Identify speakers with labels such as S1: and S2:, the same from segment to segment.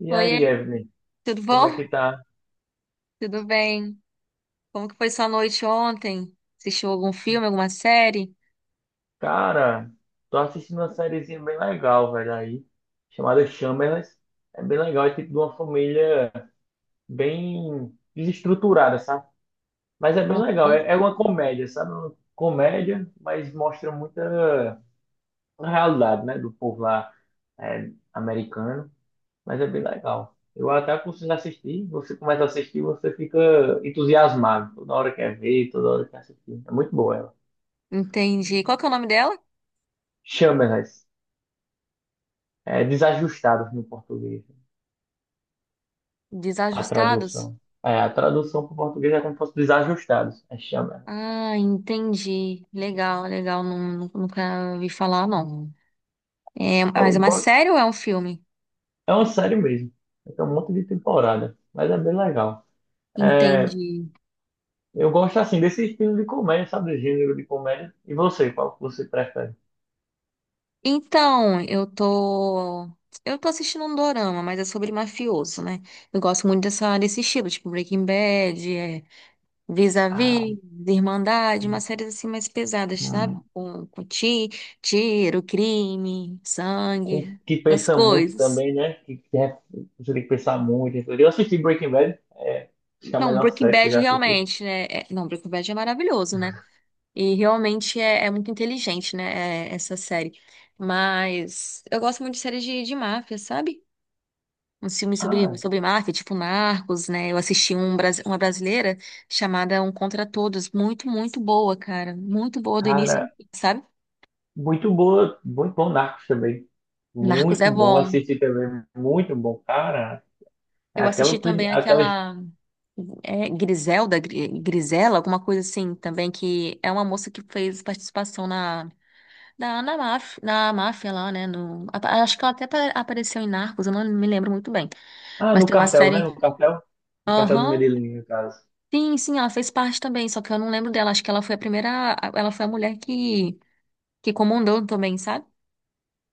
S1: E
S2: Oiê,
S1: aí, Evelyn,
S2: tudo
S1: como é
S2: bom?
S1: que tá?
S2: Tudo bem? Como que foi sua noite ontem? Assistiu algum filme, alguma série?
S1: Cara, tô assistindo uma sériezinha bem legal, velho, aí, chamada Shameless. É bem legal, é tipo de uma família bem desestruturada, sabe? Mas é bem legal,
S2: Uhum.
S1: é uma comédia, sabe? Uma comédia, mas mostra muita realidade, né, do povo lá americano. Mas é bem legal. Eu até aconselho assistir, você começa a assistir, você fica entusiasmado. Toda hora quer ver, toda hora quer assistir. É muito boa ela.
S2: Entendi. Qual que é o nome dela?
S1: Shameless. É desajustados no português, a
S2: Desajustados?
S1: tradução. É, a tradução para o português é como se fosse desajustados, é chama.
S2: Ah, entendi. Legal, legal. Nunca ouvi falar, não. É,
S1: Eu
S2: mas é uma
S1: go-
S2: série ou é um filme?
S1: É uma série mesmo, tem um monte de temporada, mas é bem legal. É,
S2: Entendi.
S1: eu gosto assim desse estilo de comédia, sabe, do gênero de comédia. E você, qual que você prefere?
S2: Então, Eu tô assistindo um dorama, mas é sobre mafioso, né? Eu gosto muito desse estilo, tipo Breaking Bad,
S1: Ah,
S2: Vis-a-vis, Irmandade,
S1: hum,
S2: umas séries assim mais pesadas, sabe?
S1: hum,
S2: Com tiro, crime, sangue,
S1: que
S2: essas
S1: pensa muito
S2: coisas.
S1: também, né? Você tem que pensar muito. Eu assisti Breaking Bad, é, acho que é a
S2: Não,
S1: melhor
S2: Breaking
S1: série que eu
S2: Bad
S1: já assisti.
S2: realmente, né? Não, Breaking Bad é maravilhoso, né? E realmente é muito inteligente, né? Essa série. Mas eu gosto muito de séries de máfia, sabe? Uns filmes
S1: Ah,
S2: sobre máfia, tipo Narcos, né? Eu assisti um, uma brasileira chamada Um Contra Todos. Muito, muito boa, cara. Muito boa do início ao
S1: cara,
S2: fim, sabe?
S1: muito boa, muito bom Narcos também.
S2: Narcos é
S1: Muito bom
S2: bom.
S1: assistir também, muito bom. Cara, é
S2: Eu
S1: aquela,
S2: assisti também
S1: aquelas.
S2: aquela Griselda, Grisela, alguma coisa assim também, que é uma moça que fez participação na máfia, na máfia lá, né? No, acho que ela até apareceu em Narcos, eu não me lembro muito bem.
S1: Ah,
S2: Mas
S1: no
S2: tem uma
S1: cartel, né?
S2: série.
S1: No cartel. No cartel do
S2: Aham.
S1: Medellín, no caso.
S2: Sim, sim, ela fez parte também, só que eu não lembro dela. Acho que ela foi a primeira. Ela foi a mulher que comandou também, sabe?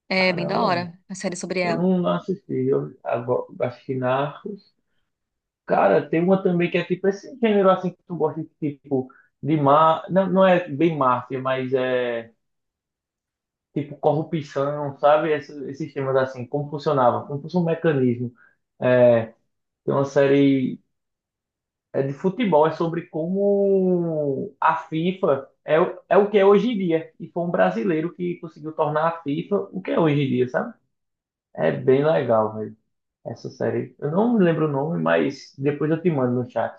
S2: É bem da
S1: Caramba,
S2: hora a série sobre
S1: eu
S2: ela.
S1: não, não assisti. Assisti Narcos. Cara, tem uma também que é tipo esse gênero assim que tu gosta, tipo, de má. Não, não é bem máfia, mas é tipo corrupção, sabe? Esses temas assim, como funcionava, como funciona o mecanismo. É, tem uma série. É de futebol, é sobre como a FIFA é, é o que é hoje em dia. E foi um brasileiro que conseguiu tornar a FIFA o que é hoje em dia, sabe? É bem legal, velho, essa série. Eu não me lembro o nome, mas depois eu te mando no chat.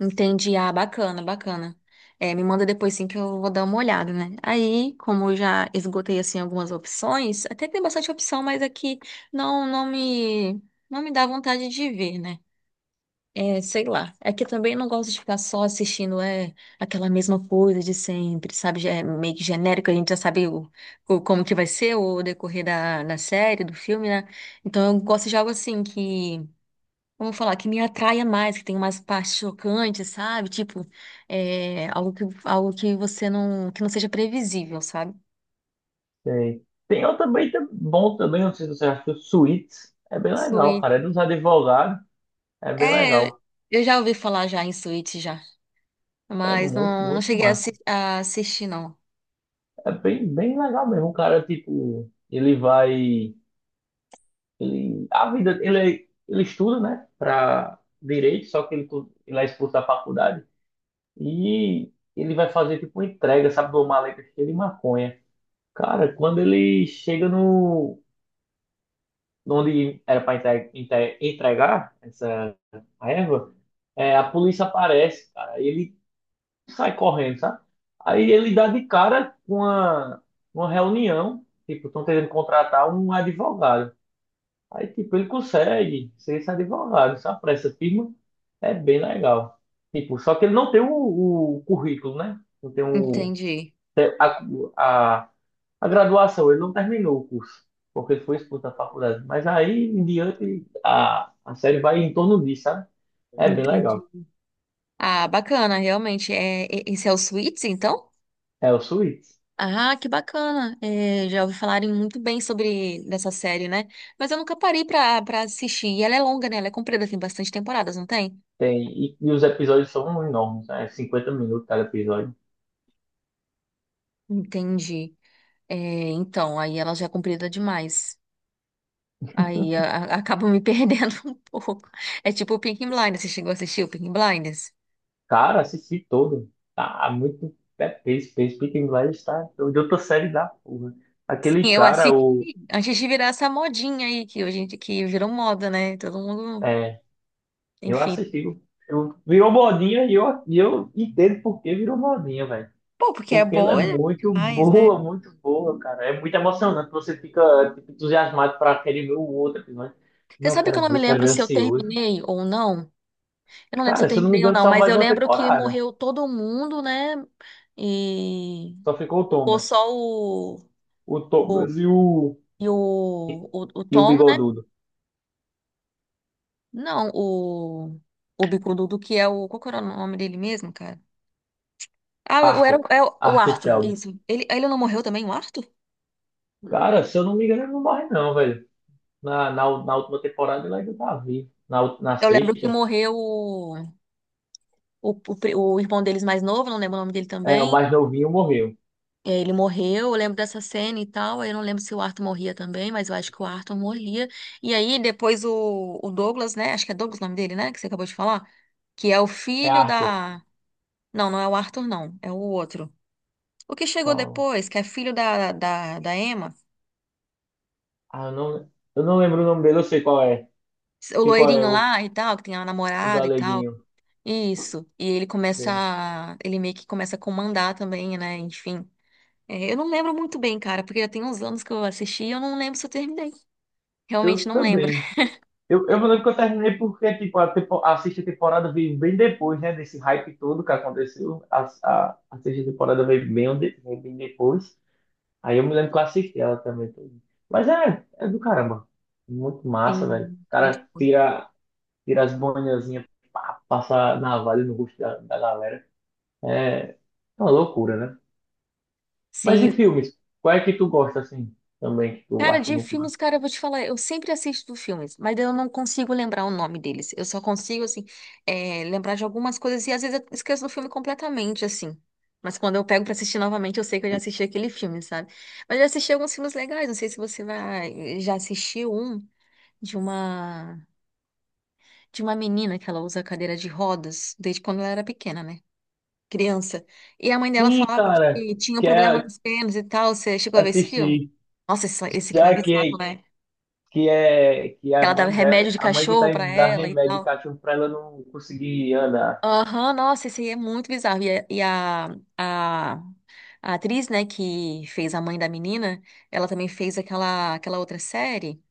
S2: Entendi. Ah, bacana, bacana. É, me manda depois sim que eu vou dar uma olhada, né? Aí, como eu já esgotei assim algumas opções, até que tem bastante opção, mas aqui não não me não me dá vontade de ver, né? É, sei lá. É que eu também não gosto de ficar só assistindo aquela mesma coisa de sempre, sabe? Já é meio que genérico, a gente já sabe como que vai ser o decorrer da série, do filme, né? Então eu gosto de algo assim que vamos falar, que me atraia mais, que tem umas partes chocantes, sabe? Tipo, algo algo que você não, que não seja previsível, sabe?
S1: Tem outro também tá bom também, não sei se você achou, Suits. É bem legal,
S2: Suíte.
S1: cara. É dos advogados, é bem
S2: É, eu
S1: legal.
S2: eu já ouvi falar já em suíte já,
S1: É
S2: mas
S1: muito,
S2: não
S1: muito
S2: cheguei a,
S1: massa.
S2: a assistir, não.
S1: É bem legal mesmo. O cara, tipo, ele vai. Ele, a vida, ele estuda, né, para direito, só que ele, ele é expulso da faculdade e ele vai fazer tipo uma entrega, sabe, de uma maleta cheia de maconha. Cara, quando ele chega no onde era para entregar essa erva, é, a polícia aparece, cara. E ele sai correndo, sabe? Aí ele dá de cara com uma reunião, tipo, estão tentando contratar um advogado. Aí, tipo, ele consegue ser esse advogado, sabe? Pra essa firma é bem legal. Tipo, só que ele não tem o currículo, né? Não tem o,
S2: Entendi,
S1: tem a, a graduação, ele não terminou o curso, porque ele foi expulso da faculdade. Mas aí em diante a série vai em torno disso, sabe? É bem
S2: entendi.
S1: legal.
S2: Ah, bacana, realmente. É, esse é o Suits, então?
S1: É o Suits.
S2: Ah, que bacana. É, já ouvi falarem muito bem sobre dessa série, né? Mas eu nunca parei pra assistir. E ela é longa, né? Ela é comprida, tem bastante temporadas, não tem?
S1: Tem, e os episódios são enormes, né? 50 minutos cada episódio.
S2: Entendi. É, então, aí ela já é comprida demais. Aí a, Acaba me perdendo um pouco. É tipo o Peaky Blinders. Você chegou a assistir o Peaky Blinders?
S1: Cara, assisti todo. Tá muito. É, Peaky Blinders tá de outra série da porra.
S2: Sim,
S1: Aquele
S2: eu
S1: cara,
S2: assisti
S1: o.
S2: antes de virar essa modinha aí, que que virou moda, né? Todo mundo,
S1: É, eu
S2: enfim.
S1: assisti. Virou modinha e eu entendo por que virou modinha, velho.
S2: Pô, porque é
S1: Porque ela é
S2: boa demais, né?
S1: muito boa, cara. É muito emocionante. Você fica, tipo, entusiasmado pra querer ver o outro episódio.
S2: Você
S1: Não,
S2: sabe que eu não me
S1: eu quero
S2: lembro
S1: ver
S2: se eu
S1: ansioso.
S2: terminei ou não? Eu não lembro se eu
S1: Cara, se eu não me
S2: terminei ou
S1: engano,
S2: não,
S1: saiu
S2: mas
S1: mais
S2: eu
S1: uma
S2: lembro que
S1: temporada.
S2: morreu todo mundo, né? E
S1: Só ficou o
S2: ficou só
S1: Thomas. O Thomas e o.
S2: o
S1: E o
S2: Tom.
S1: Bigodudo.
S2: Não, o bicudo que é o. Qual que era o nome dele mesmo, cara? Ah,
S1: Arthur.
S2: é o
S1: Arthur
S2: Arthur,
S1: Shelby.
S2: isso. Ele não morreu também, o Arthur?
S1: Cara, se eu não me engano, ele não morre não, velho. Na última temporada ele ainda tá vivo. Na, na
S2: Eu lembro que
S1: sexta.
S2: morreu o irmão deles mais novo, não lembro o nome dele
S1: É, o
S2: também.
S1: mais novinho morreu.
S2: É, ele morreu, eu lembro dessa cena e tal. Aí eu não lembro se o Arthur morria também, mas eu acho que o Arthur morria. E aí depois o Douglas, né? Acho que é Douglas o nome dele, né? Que você acabou de falar. Que é o
S1: É
S2: filho
S1: Arthur.
S2: da. Não, não é o Arthur, não. É o outro. O que chegou
S1: Qual?
S2: depois, que é filho da Emma.
S1: Ah, eu não lembro o nome dele, eu sei qual é.
S2: O
S1: Sei qual é
S2: loirinho lá e tal, que tem a
S1: o
S2: namorada e tal.
S1: galeguinho.
S2: Isso. E ele começa
S1: Sei.
S2: a... Ele meio que começa a comandar também, né? Enfim. É, eu não lembro muito bem, cara, porque já tem uns anos que eu assisti e eu não lembro se eu terminei.
S1: Eu
S2: Realmente não lembro.
S1: também. Eu me lembro que eu terminei porque, tipo, a sexta temporada veio bem depois, né? Desse hype todo que aconteceu. A sexta temporada veio bem, veio bem depois. Aí eu me lembro que eu assisti ela também. Mas é, é do caramba. Muito massa, velho.
S2: Sim,
S1: O
S2: muito
S1: cara
S2: bom.
S1: tira, tira as boinazinhas, pá, passa navalha no rosto da galera. É É uma loucura, né? Mas
S2: Sim,
S1: em filmes, qual é que tu gosta, assim, também, que tu
S2: cara,
S1: acha
S2: de
S1: muito massa?
S2: filmes, cara, eu vou te falar, eu sempre assisto filmes, mas eu não consigo lembrar o nome deles. Eu só consigo, assim, lembrar de algumas coisas e às vezes eu esqueço do filme completamente, assim. Mas quando eu pego pra assistir novamente, eu sei que eu já assisti aquele filme, sabe? Mas eu já assisti alguns filmes legais, não sei se você vai, já assistiu um de uma de uma menina que ela usa cadeira de rodas desde quando ela era pequena, né? Criança. E a mãe dela
S1: Sim,
S2: falava
S1: cara,
S2: que tinha um problema
S1: quer
S2: nas pernas e tal. Você chegou a ver esse filme?
S1: assistir.
S2: Nossa, esse filme é
S1: Já
S2: bizarro, né?
S1: que é a
S2: Ela dava
S1: mãe dela,
S2: remédio de
S1: a mãe que
S2: cachorro
S1: tá
S2: pra
S1: indo dar
S2: ela e
S1: remédio de
S2: tal.
S1: cachorro pra ela não conseguir andar.
S2: Aham, nossa, isso aí é muito bizarro. A- a atriz, né, que fez a mãe da menina, ela também fez aquela outra série,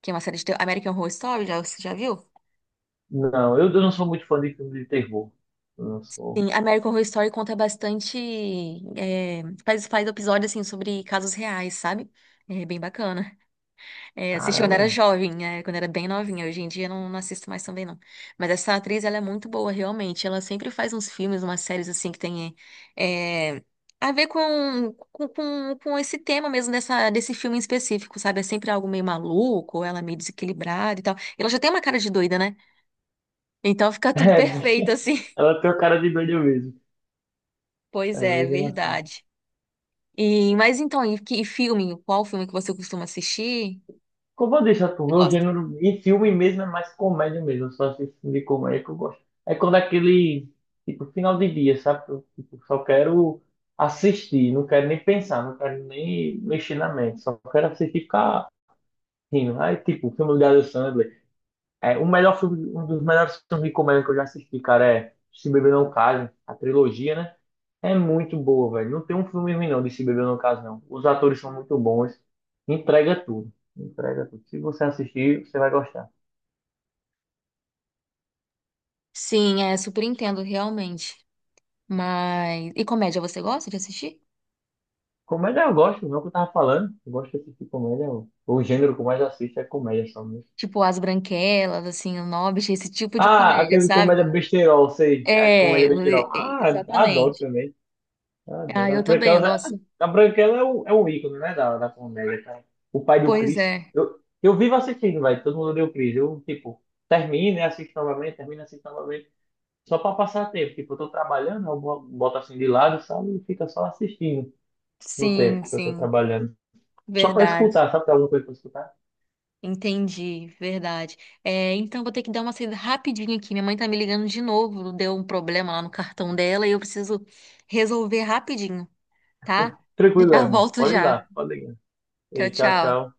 S2: que é uma série de terror, American Horror Story, já, você já viu?
S1: Não, eu não sou muito fã de filme de terror. Eu não sou.
S2: Sim, American Horror Story conta bastante, faz episódios, assim, sobre casos reais, sabe? É bem bacana. É, assisti quando era
S1: Caramba.
S2: jovem, né? Quando era bem novinha. Hoje em dia não, não assisto mais também, não. Mas essa atriz, ela é muito boa, realmente. Ela sempre faz uns filmes, umas séries, assim, que tem é, a ver com esse tema mesmo desse filme em específico, sabe? É sempre algo meio maluco, ou ela meio desequilibrada e tal. Ela já tem uma cara de doida, né? Então fica
S1: É,
S2: tudo perfeito, assim.
S1: ela tem a cara de doida mesmo.
S2: Pois
S1: É
S2: é,
S1: bem engraçado.
S2: verdade. E filme? Qual filme que você costuma assistir?
S1: Como eu deixo tu
S2: Você
S1: meu
S2: gosta?
S1: gênero em filme mesmo é mais comédia mesmo. Eu só assisto filme de comédia que eu gosto. É quando é aquele, tipo, final de dia, sabe? Eu, tipo, só quero assistir, não quero nem pensar, não quero nem mexer na mente. Só quero assistir e ficar rindo. Aí, tipo, filme do Adam Sandler. É, o melhor filme, um dos melhores filmes de comédia que eu já assisti, cara, é Se Beber Não Case, a trilogia, né? É muito boa, velho. Não tem um filme ruim, não, de Se Beber Não Case, não. Os atores são muito bons. Entrega tudo. Entrega tudo. Se você assistir, você vai gostar.
S2: Sim, é, super entendo, realmente. Mas. E comédia você gosta de assistir?
S1: Comédia eu gosto, não é o que eu tava falando. Eu gosto de assistir comédia. O gênero que eu mais assisto é comédia só mesmo.
S2: Tipo, As Branquelas, assim, O Hobbit, esse tipo de
S1: Ah,
S2: comédia,
S1: aquele
S2: sabe?
S1: comédia besterol, sei. É
S2: É,
S1: comédia besterol. Ah, adoro
S2: exatamente.
S1: também.
S2: Ah,
S1: Adoro.
S2: eu também eu gosto.
S1: A Branquela é um ícone, né, da comédia, cara. O pai do
S2: Pois
S1: Chris.
S2: é.
S1: Eu vivo assistindo, velho. Todo mundo deu Chris. Eu, tipo, termino e assisto novamente, termino e assisto novamente. Só pra passar tempo. Tipo, eu tô trabalhando, eu boto assim de lado, sabe? E fica só assistindo no
S2: Sim,
S1: tempo que eu tô
S2: sim.
S1: trabalhando. Só pra
S2: Verdade.
S1: escutar, sabe? Tem alguma coisa pra escutar?
S2: Entendi, verdade. É, então vou ter que dar uma saída rapidinho aqui. Minha mãe tá me ligando de novo. Deu um problema lá no cartão dela e eu preciso resolver rapidinho, tá?
S1: Tranquilo,
S2: Já
S1: Evelyn.
S2: volto
S1: Pode ir
S2: já.
S1: lá, pode ligar.
S2: Tchau,
S1: E tchau,
S2: tchau.
S1: tchau.